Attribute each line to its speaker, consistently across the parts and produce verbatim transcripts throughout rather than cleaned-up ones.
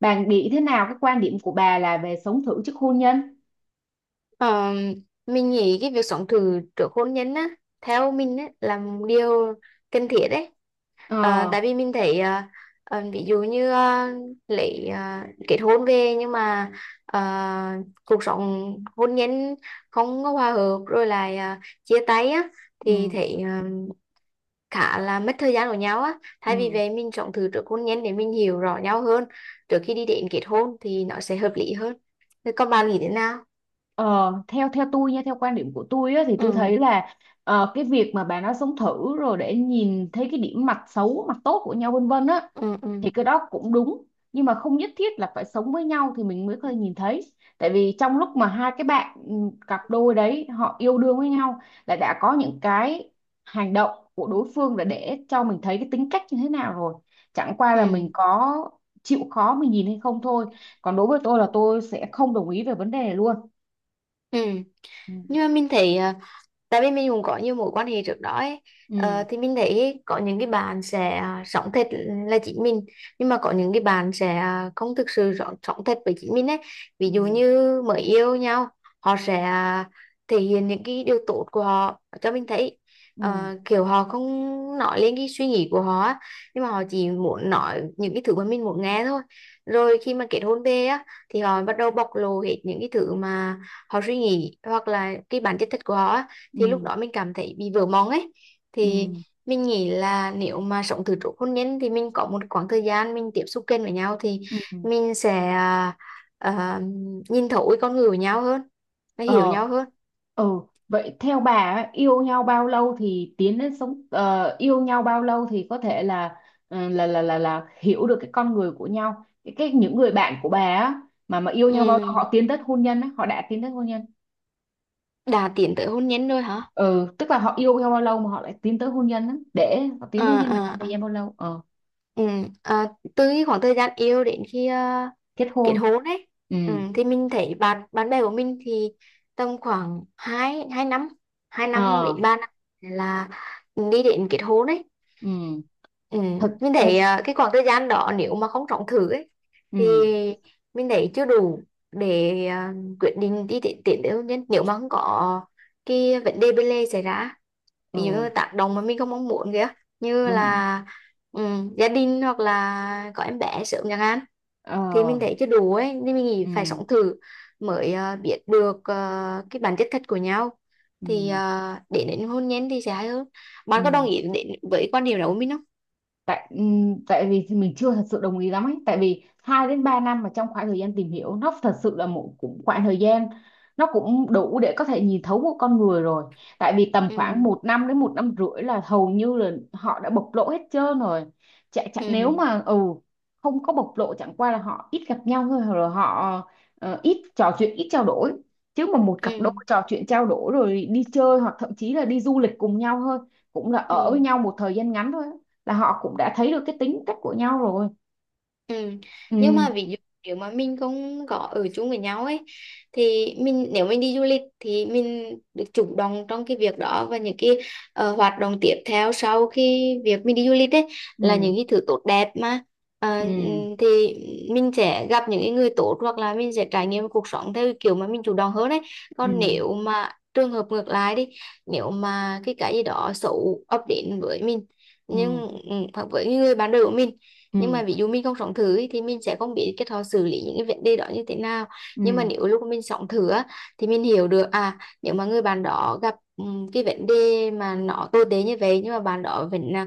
Speaker 1: Bà nghĩ thế nào? Cái quan điểm của bà là về sống thử trước hôn nhân?
Speaker 2: Ờ, mình nghĩ cái việc sống thử trước hôn nhân á theo mình á là một điều cần thiết đấy. Ờ,
Speaker 1: Ờ.
Speaker 2: tại vì mình thấy ờ, ờ, ví dụ như ờ, lấy ờ, kết hôn về, nhưng mà ờ, cuộc sống hôn nhân không có hòa hợp, rồi lại ờ, chia tay á thì
Speaker 1: Ừ,
Speaker 2: thấy ờ, khá là mất thời gian của nhau á, thay vì
Speaker 1: ừ.
Speaker 2: vậy mình sống thử trước hôn nhân để mình hiểu rõ nhau hơn trước khi đi đến kết hôn thì nó sẽ hợp lý hơn. Thế còn bạn nghĩ thế nào?
Speaker 1: ờ theo theo tôi nha, theo quan điểm của tôi á, thì tôi
Speaker 2: Ừ,
Speaker 1: thấy là ờ, cái việc mà bà nói sống thử rồi để nhìn thấy cái điểm mặt xấu mặt tốt của nhau, vân vân á,
Speaker 2: ừ, ừ,
Speaker 1: thì cái đó cũng đúng. Nhưng mà không nhất thiết là phải sống với nhau thì mình mới có thể nhìn thấy. Tại vì trong lúc mà hai cái bạn, ừ, cặp đôi đấy họ yêu đương với nhau, là đã có những cái hành động của đối phương là để cho mình thấy cái tính cách như thế nào rồi. Chẳng qua là mình
Speaker 2: ừ,
Speaker 1: có chịu khó mình nhìn hay không thôi. Còn đối với tôi là tôi sẽ không đồng ý về vấn đề này luôn.
Speaker 2: ừ.
Speaker 1: Ừ,
Speaker 2: Nhưng mà mình thấy, à, tại vì mình cũng có nhiều mối quan hệ trước đó ấy. Ờ,
Speaker 1: ừ,
Speaker 2: thì mình thấy có những cái bạn sẽ à, sống thật là chính mình, nhưng mà có những cái bạn sẽ à, không thực sự rõ- sống thật với chính mình ấy, ví
Speaker 1: ừ,
Speaker 2: dụ như mới yêu nhau họ sẽ à, thể hiện những cái điều tốt của họ cho mình thấy.
Speaker 1: ừ,
Speaker 2: Ờ, kiểu họ không nói lên cái suy nghĩ của họ á, nhưng mà họ chỉ muốn nói những cái thứ mà mình muốn nghe thôi, rồi khi mà kết hôn về á thì họ bắt đầu bộc lộ hết những cái thứ mà họ suy nghĩ hoặc là cái bản chất thật của họ á,
Speaker 1: ừ,
Speaker 2: thì lúc đó mình cảm thấy bị vỡ mộng ấy. Thì
Speaker 1: ừ,
Speaker 2: mình nghĩ là nếu mà sống từ trước hôn nhân thì mình có một khoảng thời gian mình tiếp xúc kênh với nhau thì
Speaker 1: ừ, ừ.
Speaker 2: mình sẽ à, à, nhìn thấu cái con người của nhau hơn và hiểu
Speaker 1: Ờ,
Speaker 2: nhau hơn.
Speaker 1: ừ, vậy theo bà á, yêu nhau bao lâu thì tiến đến sống ờ, yêu nhau bao lâu thì có thể là ờ, là là là là hiểu được cái con người của nhau. Cái, cái những người bạn của bà á, mà mà yêu
Speaker 2: Ừ.
Speaker 1: nhau bao lâu họ tiến tới hôn nhân á, họ đã tiến tới hôn nhân.
Speaker 2: Đã tiến tới hôn nhân rồi hả?
Speaker 1: Ừ, tức là họ yêu nhau bao lâu mà họ lại tiến tới hôn nhân á, để họ tiến tới
Speaker 2: ờ
Speaker 1: hôn nhân là
Speaker 2: ờ,
Speaker 1: khoảng thời
Speaker 2: à.
Speaker 1: gian bao lâu? Ờ,
Speaker 2: Ừ. À, từ cái khoảng thời gian yêu đến khi à,
Speaker 1: kết
Speaker 2: kết
Speaker 1: hôn.
Speaker 2: hôn đấy.
Speaker 1: Ừ.
Speaker 2: Ừ, thì mình thấy bạn bạn bè của mình thì tầm khoảng hai hai năm hai năm
Speaker 1: Ờ,
Speaker 2: đến ba năm là đi đến kết hôn đấy.
Speaker 1: ừ,
Speaker 2: Ừ.
Speaker 1: thật
Speaker 2: Mình
Speaker 1: thật.
Speaker 2: thấy, à, cái khoảng thời gian đó nếu mà không trọng thử ấy thì
Speaker 1: Ừ,
Speaker 2: mình thấy chưa đủ để à, quyết định đi tiến tiến tới hôn nhân nếu mà không có cái vấn đề bên lề xảy ra, ví dụ như
Speaker 1: ừ,
Speaker 2: tác động mà mình không mong muốn kìa, như
Speaker 1: đúng.
Speaker 2: là ừ, gia đình hoặc là có em bé sớm chẳng hạn, thì mình
Speaker 1: Ờ,
Speaker 2: thấy chưa đủ ấy nên mình nghĩ phải
Speaker 1: ừ,
Speaker 2: sống thử mới ờ, biết được ờ, cái bản chất thật của nhau, thì
Speaker 1: ừ,
Speaker 2: ờ, để đến hôn nhân thì sẽ hay hơn. Bạn có đồng
Speaker 1: ừ.
Speaker 2: ý đến với quan điểm đó của mình không?
Speaker 1: tại ừm, tại vì thì mình chưa thật sự đồng ý lắm ấy, tại vì hai đến ba năm mà trong khoảng thời gian tìm hiểu nó thật sự là một cũng khoảng thời gian, nó cũng đủ để có thể nhìn thấu một con người rồi. Tại vì tầm khoảng
Speaker 2: Ừ,
Speaker 1: một năm đến một năm rưỡi là hầu như là họ đã bộc lộ hết trơn rồi. Chả, chả
Speaker 2: ừ,
Speaker 1: nếu mà ừ không có bộc lộ chẳng qua là họ ít gặp nhau thôi, rồi họ ờ, ít trò chuyện ít trao đổi. Chứ mà một
Speaker 2: ừ,
Speaker 1: cặp đôi trò chuyện trao đổi rồi đi chơi hoặc thậm chí là đi du lịch cùng nhau thôi, cũng là
Speaker 2: ừ.
Speaker 1: ở với nhau một thời gian ngắn thôi, là họ cũng đã thấy được cái tính cách của nhau rồi.
Speaker 2: Ừ. Nhưng
Speaker 1: Ừ,
Speaker 2: mà ví dụ nếu mà mình không có ở chung với nhau ấy, thì mình nếu mình đi du lịch thì mình được chủ động trong cái việc đó, và những cái ờ, hoạt động tiếp theo sau khi việc mình đi du lịch ấy là
Speaker 1: ừ,
Speaker 2: những cái thứ tốt đẹp mà. Ờ,
Speaker 1: ừ,
Speaker 2: ừm, thì mình sẽ gặp những cái người tốt hoặc là mình sẽ trải nghiệm cuộc sống theo cái kiểu mà mình chủ động hơn ấy. Còn
Speaker 1: ừ,
Speaker 2: nếu mà trường hợp ngược lại đi, nếu mà cái cái gì đó xấu ập đến với mình,
Speaker 1: ừ,
Speaker 2: nhưng ừ, hoặc với người bạn đời của mình, nhưng
Speaker 1: ừ,
Speaker 2: mà ví dụ mình không sống thử ấy, thì mình sẽ không biết cái họ xử lý những cái vấn đề đó như thế nào.
Speaker 1: ừ,
Speaker 2: Nhưng mà nếu lúc mình sống thử á, thì mình hiểu được à nếu mà người bạn đó gặp ừm, cái vấn đề mà nó tồi tệ như vậy, nhưng mà bạn đó vẫn là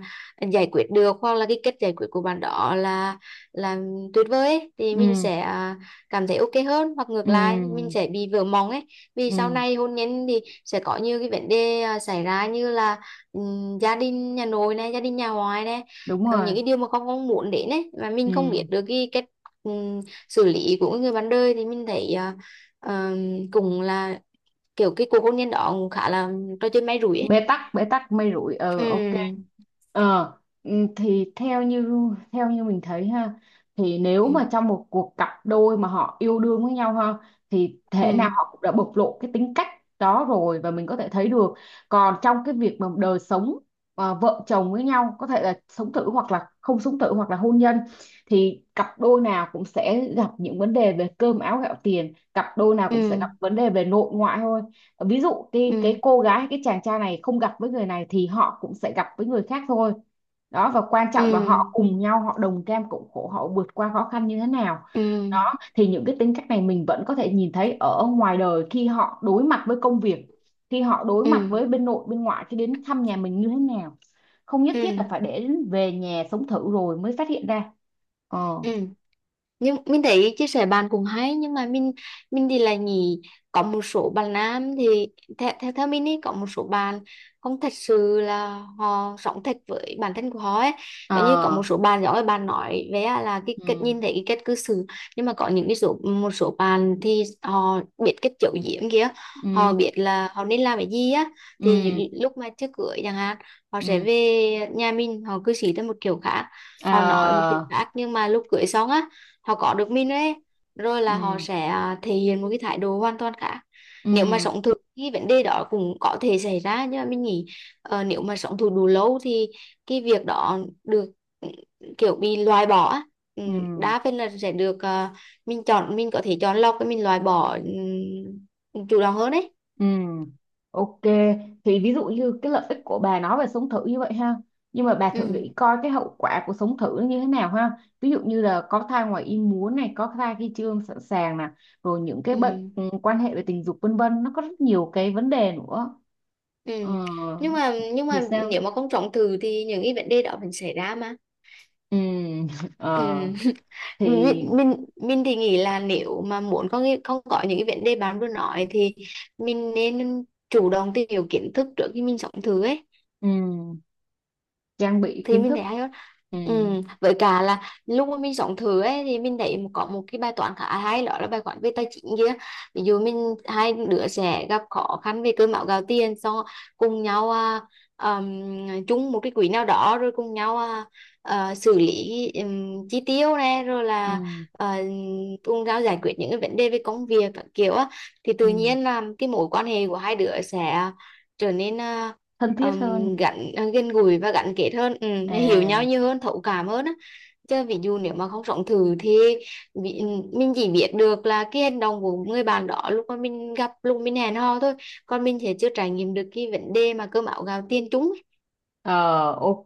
Speaker 2: giải quyết được, hoặc là cái cách giải quyết của bạn đó là là tuyệt vời ấy, thì
Speaker 1: ừ,
Speaker 2: mình
Speaker 1: ừ,
Speaker 2: sẽ à, cảm thấy ok hơn hoặc ngược lại mình
Speaker 1: ừ,
Speaker 2: sẽ bị vỡ mộng ấy. Vì sau
Speaker 1: ừ,
Speaker 2: này hôn nhân thì sẽ có nhiều cái vấn đề à, xảy ra, như là ừm, gia đình nhà nội này, gia đình nhà ngoại này,
Speaker 1: đúng
Speaker 2: ờ,
Speaker 1: rồi.
Speaker 2: những cái điều mà con không muốn đến ấy, mà mình không biết
Speaker 1: Ừ.
Speaker 2: được cái cách ừm, xử lý của người bạn đời thì mình thấy à, ờm, cũng là kiểu cái cuộc hôn nhân đó cũng khá là trò chơi may rủi ấy.
Speaker 1: Bế tắc, bế tắc, mây rụi. ờ ok.
Speaker 2: Ừ,
Speaker 1: ờ ừ, thì theo như theo như mình thấy ha, thì nếu
Speaker 2: ừ,
Speaker 1: mà trong một cuộc cặp đôi mà họ yêu đương với nhau ha, thì thể nào
Speaker 2: ừ,
Speaker 1: họ cũng đã bộc lộ cái tính cách đó rồi, và mình có thể thấy được. Còn trong cái việc mà đời sống à, vợ chồng với nhau có thể là sống thử hoặc là không sống thử hoặc là hôn nhân, thì cặp đôi nào cũng sẽ gặp những vấn đề về cơm áo gạo tiền, cặp đôi nào cũng sẽ gặp
Speaker 2: ừ,
Speaker 1: vấn đề về nội ngoại thôi. Ờ, ví dụ cái
Speaker 2: ừ,
Speaker 1: cái cô gái hay cái chàng trai này không gặp với người này thì họ cũng sẽ gặp với người khác thôi. Đó, và quan trọng là họ
Speaker 2: ừ,
Speaker 1: cùng nhau, họ đồng cam cộng khổ, họ vượt qua khó khăn như thế nào.
Speaker 2: ừ,
Speaker 1: Đó, thì những cái tính cách này mình vẫn có thể nhìn thấy ở ngoài đời khi họ đối mặt với công việc, khi họ đối mặt
Speaker 2: ừ,
Speaker 1: với bên nội bên ngoại khi đến thăm nhà mình như thế nào. Không nhất thiết là
Speaker 2: ừ,
Speaker 1: phải để đến về nhà sống thử rồi mới phát hiện ra. Ờ,
Speaker 2: ừ. Nhưng mình thấy chia sẻ bạn cũng hay, nhưng mà mình mình thì là nghĩ có một số bạn nam thì theo theo, theo mình ý, có một số bạn không thật sự là họ sống thật với bản thân của họ ấy, giống như có
Speaker 1: ờ,
Speaker 2: một số bạn giỏi bạn nói về á là cái cách
Speaker 1: ừ,
Speaker 2: nhìn thấy cái cách cư xử, nhưng mà có những cái số một số bạn thì họ biết cách giấu giếm kia, họ
Speaker 1: ừ,
Speaker 2: biết là họ nên làm cái gì á. Thì
Speaker 1: ừ,
Speaker 2: lúc mà trước cưới chẳng hạn họ sẽ
Speaker 1: ừ,
Speaker 2: về nhà mình, họ cư xử theo một kiểu khác,
Speaker 1: ờ,
Speaker 2: họ nói một kiểu khác, nhưng mà lúc cưới xong á họ có được mình ấy, rồi là họ
Speaker 1: ừ,
Speaker 2: sẽ à, thể hiện một cái thái độ hoàn toàn khác. Nếu mà
Speaker 1: ừ,
Speaker 2: sống thử cái vấn đề đó cũng có thể xảy ra, nhưng mà mình nghĩ ờ, nếu mà sống thử đủ lâu thì cái việc đó được, ừ, kiểu bị loại bỏ á. Ừ,
Speaker 1: ừ.
Speaker 2: đa phần là sẽ được, ờ, mình chọn, mình có thể chọn lọc và mình loại bỏ ừ, chủ động hơn đấy.
Speaker 1: Ừ, ok. Thì ví dụ như cái lợi ích của bà nói về sống thử như vậy ha. Nhưng mà bà thử
Speaker 2: Ừ,
Speaker 1: nghĩ coi cái hậu quả của sống thử nó như thế nào ha. Ví dụ như là có thai ngoài ý muốn này, có thai khi chưa sẵn sàng nè, rồi những cái bệnh,
Speaker 2: ừ,
Speaker 1: ừ, quan hệ về tình dục vân vân, nó có rất nhiều cái vấn đề nữa.
Speaker 2: ừ.
Speaker 1: Ờ,
Speaker 2: nhưng mà nhưng
Speaker 1: thì
Speaker 2: mà
Speaker 1: sao?
Speaker 2: nếu mà không sống thử thì những cái vấn đề đó vẫn xảy ra mà.
Speaker 1: Ừ,
Speaker 2: Ừ.
Speaker 1: ờ,
Speaker 2: Mình,
Speaker 1: thì
Speaker 2: mình mình thì nghĩ là nếu mà muốn có cái- không có những cái vấn đề bạn vừa nói thì mình nên chủ động tìm hiểu kiến thức trước khi mình sống thử ấy,
Speaker 1: ừ, trang bị
Speaker 2: thì
Speaker 1: kiến
Speaker 2: mình
Speaker 1: thức,
Speaker 2: thấy hay hơn.
Speaker 1: ừ,
Speaker 2: ừ, với cả là lúc mà mình sống thử ấy thì mình thấy có một cái bài toán khá hay, đó là bài toán về tài chính kia. Ví dụ mình hai đứa sẽ gặp khó khăn về cơm áo gạo tiền, xong cùng nhau à, ừm, chung một cái quỹ nào đó, rồi cùng nhau à, à, xử lý ừm, chi tiêu này, rồi là
Speaker 1: ừ,
Speaker 2: à, cùng nhau giải quyết những cái vấn đề về công việc các kiểu á, thì
Speaker 1: ừ,
Speaker 2: tự nhiên là cái mối quan hệ của hai đứa sẽ trở nên à,
Speaker 1: thân thiết hơn.
Speaker 2: um, gắn à, gần gũi và gắn kết hơn, ừ, nó hiểu
Speaker 1: À.
Speaker 2: nhau nhiều hơn, thấu cảm hơn á. Chứ ví dụ nếu mà không sống thử thì bị, mình chỉ biết được là cái hành động của người bạn đó lúc mà mình gặp, lúc mình hẹn hò thôi, còn mình sẽ chưa trải nghiệm được cái vấn đề mà cơm áo gạo tiền chúng ấy.
Speaker 1: Ờ, ok,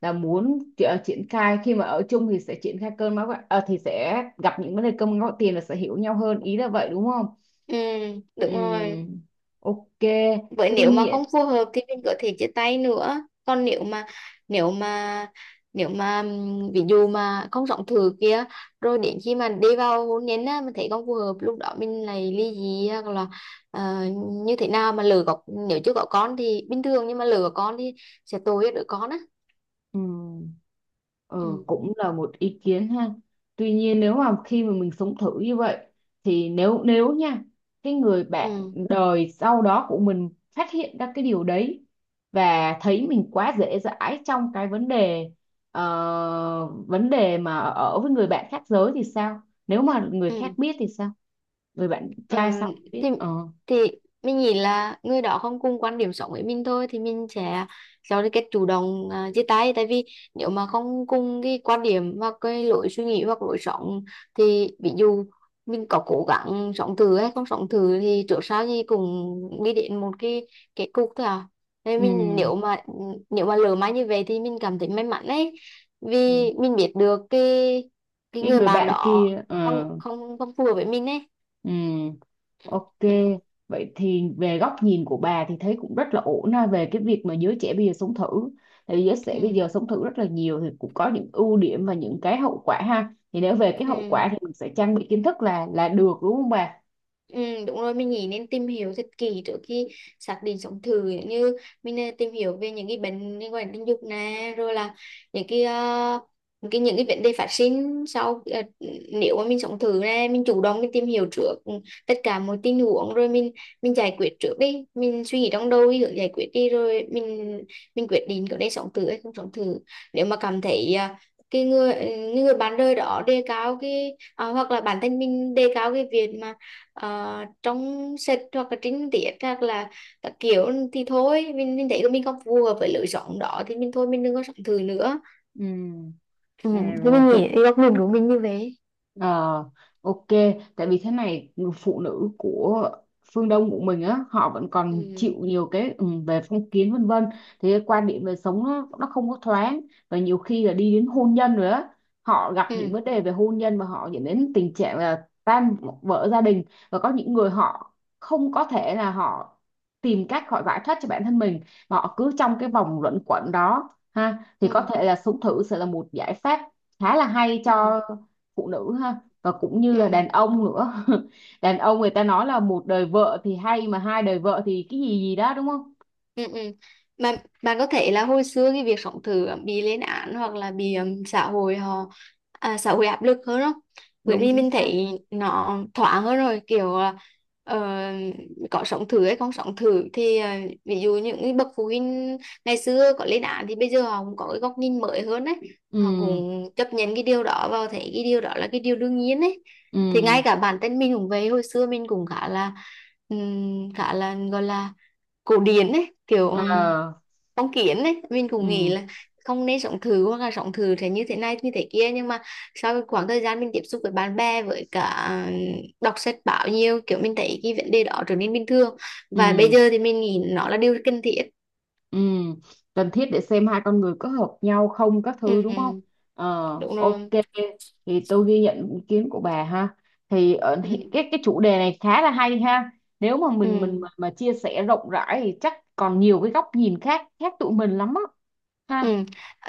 Speaker 1: là muốn ti- ờ, triển khai khi mà ở chung thì sẽ triển khai cơn máu gạo- ờ, thì sẽ gặp những vấn đề cơm gạo tiền là sẽ hiểu nhau hơn, ý là vậy đúng không?
Speaker 2: Ừ, đúng rồi.
Speaker 1: Ừm, ok,
Speaker 2: Vậy
Speaker 1: tuy
Speaker 2: nếu mà không phù hợp thì mình có thể chia tay nữa. Còn nếu mà nếu mà nếu mà ừm, ví dụ mà không sống thử kia, rồi đến khi mà đi vào hôn nhân á mình thấy không phù hợp, lúc đó mình lại ly dị hoặc là ờ, như thế nào mà lỡ có, nếu chưa có con thì bình thường nhưng mà lỡ có con thì sẽ tội cho đứa con á.
Speaker 1: nhiên. Ờ,
Speaker 2: Ừ.
Speaker 1: cũng là một ý kiến ha. Tuy nhiên nếu mà khi mà mình sống thử như vậy, thì nếu nếu nha, cái người bạn
Speaker 2: Ừ.
Speaker 1: đời sau đó của mình phát hiện ra cái điều đấy và thấy mình quá dễ dãi trong cái vấn đề ờ, vấn đề mà ở với người bạn khác giới thì sao? Nếu mà người khác
Speaker 2: Ừ.
Speaker 1: biết thì sao? Người bạn
Speaker 2: Ờ,
Speaker 1: trai sau thì biết.
Speaker 2: thì
Speaker 1: Ờ.
Speaker 2: thì mình nghĩ là người đó không cùng quan điểm sống với mình thôi, thì mình sẽ cho cái cách chủ động à, chia tay, tại vì nếu mà không cùng cái quan điểm hoặc cái lối suy nghĩ hoặc lối sống, thì ví dụ mình có cố gắng sống thử hay không sống thử thì trước sau gì cũng đi đến một cái kết cục thôi à, nên mình
Speaker 1: Ừ.
Speaker 2: nếu mà nếu mà lỡ may như vậy thì mình cảm thấy may mắn đấy, vì
Speaker 1: Ừ.
Speaker 2: mình biết được cái cái
Speaker 1: Cái
Speaker 2: người
Speaker 1: người
Speaker 2: bạn
Speaker 1: bạn
Speaker 2: đó
Speaker 1: kia ờ.
Speaker 2: không không không phù hợp với mình
Speaker 1: Ừ. Ok,
Speaker 2: đấy.
Speaker 1: vậy thì về góc nhìn của bà thì thấy cũng rất là ổn ha về cái việc mà giới trẻ bây giờ sống thử. Tại vì giới trẻ bây
Speaker 2: Ừ,
Speaker 1: giờ sống thử rất là nhiều, thì cũng có những ưu điểm và những cái hậu quả ha. Thì nếu về cái
Speaker 2: ừ.
Speaker 1: hậu quả thì mình sẽ trang bị kiến thức là là được đúng không bà?
Speaker 2: Ừ, đúng rồi, mình nghĩ nên tìm hiểu thật kỹ trước khi xác định sống thử, giống như mình ờ, tìm hiểu về những cái bệnh liên quan đến tình dục nè, rồi là những cái ờ, những cái những cái vấn đề phát sinh sau, ờ, nếu mà mình sống thử nè mình chủ động mình tìm hiểu trước ừ, tất cả mọi tình huống, rồi mình mình giải quyết trước đi, mình suy nghĩ trong đầu cái hướng giải quyết đi rồi mình mình quyết định có nên sống thử hay không sống thử. Nếu mà cảm thấy ờ, cái người ừ, người bạn đời đó đề cao cái, à, hoặc là bản thân mình đề cao cái việc mà ờ, trong sách hoặc là trinh tiết hoặc là các kiểu, thì thôi mình mình thấy tụi mình không phù hợp với lối sống đó thì mình thôi, mình đừng có sống thử nữa.
Speaker 1: Ừ,
Speaker 2: Ừ,
Speaker 1: à,
Speaker 2: thì
Speaker 1: rồi.
Speaker 2: mình nghĩ góc nhìn của mình như vậy.
Speaker 1: Ờ, ok, tại vì thế này người phụ nữ của phương Đông của mình á, họ vẫn còn chịu
Speaker 2: Ừ,
Speaker 1: nhiều cái ừ, về phong kiến vân vân, thì cái quan điểm về sống nó, nó không có thoáng, và nhiều khi là đi đến hôn nhân rồi á, họ gặp
Speaker 2: ừ,
Speaker 1: những vấn đề về hôn nhân và họ dẫn đến tình trạng là tan vỡ gia đình, và có những người họ không có thể là họ tìm cách họ giải thoát cho bản thân mình, mà họ cứ trong cái vòng luẩn quẩn đó ha, thì
Speaker 2: ừ,
Speaker 1: có thể là sống thử sẽ là một giải pháp khá là hay
Speaker 2: ừ,
Speaker 1: cho phụ nữ ha, và cũng như là
Speaker 2: ừ.
Speaker 1: đàn ông nữa. Đàn ông người ta nói là một đời vợ thì hay mà hai đời vợ thì cái gì gì đó đúng không?
Speaker 2: Ừ, ừ. Mà bạn có thể là hồi xưa cái việc sống thử bị lên án hoặc là bị um, xã hội họ à, xã hội áp lực hơn đó, bởi
Speaker 1: Đúng
Speaker 2: vì
Speaker 1: chính
Speaker 2: mình
Speaker 1: xác.
Speaker 2: thấy nó thoáng hơn rồi, kiểu là ờ, có sống thử hay không sống thử thì ờ, ví dụ những cái bậc phụ huynh ngày xưa có lên án thì bây giờ họ cũng có cái góc nhìn mới hơn đấy, họ
Speaker 1: Ừ,
Speaker 2: cũng chấp nhận cái điều đó và thấy cái điều đó là cái điều đương nhiên đấy. Thì ngay
Speaker 1: ừ,
Speaker 2: cả bản thân mình cũng vậy, hồi xưa mình cũng khá là ừm, khá là gọi là cổ điển ấy, kiểu ừm,
Speaker 1: ờ,
Speaker 2: phong kiến ấy, mình cũng nghĩ
Speaker 1: ừ,
Speaker 2: là không nên sống thử hoặc là sống thử thế như thế này như thế kia, nhưng mà sau cái khoảng thời gian mình tiếp xúc với bạn bè với cả ừ, đọc sách báo nhiều kiểu, mình thấy cái vấn đề đó trở nên bình thường, và bây
Speaker 1: ừ,
Speaker 2: giờ thì mình nghĩ nó là điều cần thiết.
Speaker 1: ừ, cần thiết để xem hai con người có hợp nhau không các
Speaker 2: Ừ,
Speaker 1: thứ đúng không.
Speaker 2: ừ,
Speaker 1: ờ
Speaker 2: đúng
Speaker 1: ok,
Speaker 2: rồi.
Speaker 1: thì tôi ghi nhận ý kiến của bà ha, thì ở, hi-
Speaker 2: Ừ,
Speaker 1: cái cái chủ đề này khá là hay ha. Nếu mà
Speaker 2: ừ.
Speaker 1: mình mình mà, mà chia sẻ rộng rãi thì chắc còn nhiều cái góc nhìn khác khác tụi mình lắm á ha.
Speaker 2: Ừ.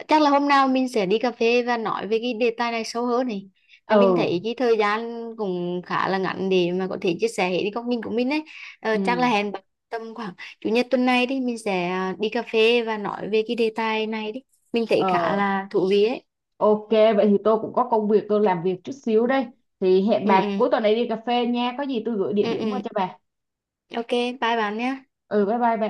Speaker 2: Chắc là hôm nào mình sẽ đi cà phê và nói về cái đề tài này sâu hơn này. Là Mình
Speaker 1: Ừ,
Speaker 2: thấy cái thời gian cũng khá là ngắn để mà có thể chia sẻ hết cái góc nhìn của mình ấy. Ờ, chắc là
Speaker 1: ừ.
Speaker 2: hẹn bạn tầm khoảng chủ nhật tuần này đi, mình sẽ à, đi cà phê và nói về cái đề tài này đi. Mình thấy khá
Speaker 1: ờ
Speaker 2: là thú vị ấy.
Speaker 1: ok, vậy thì tôi cũng có công việc, tôi làm việc chút xíu đây, thì hẹn
Speaker 2: Ừ
Speaker 1: bà cuối
Speaker 2: ừ.
Speaker 1: tuần này đi cà phê nha, có gì tôi gửi địa
Speaker 2: Ừ
Speaker 1: điểm qua
Speaker 2: ừ.
Speaker 1: cho bà.
Speaker 2: Ok, bye bạn nhé.
Speaker 1: Ừ, bye bye bà.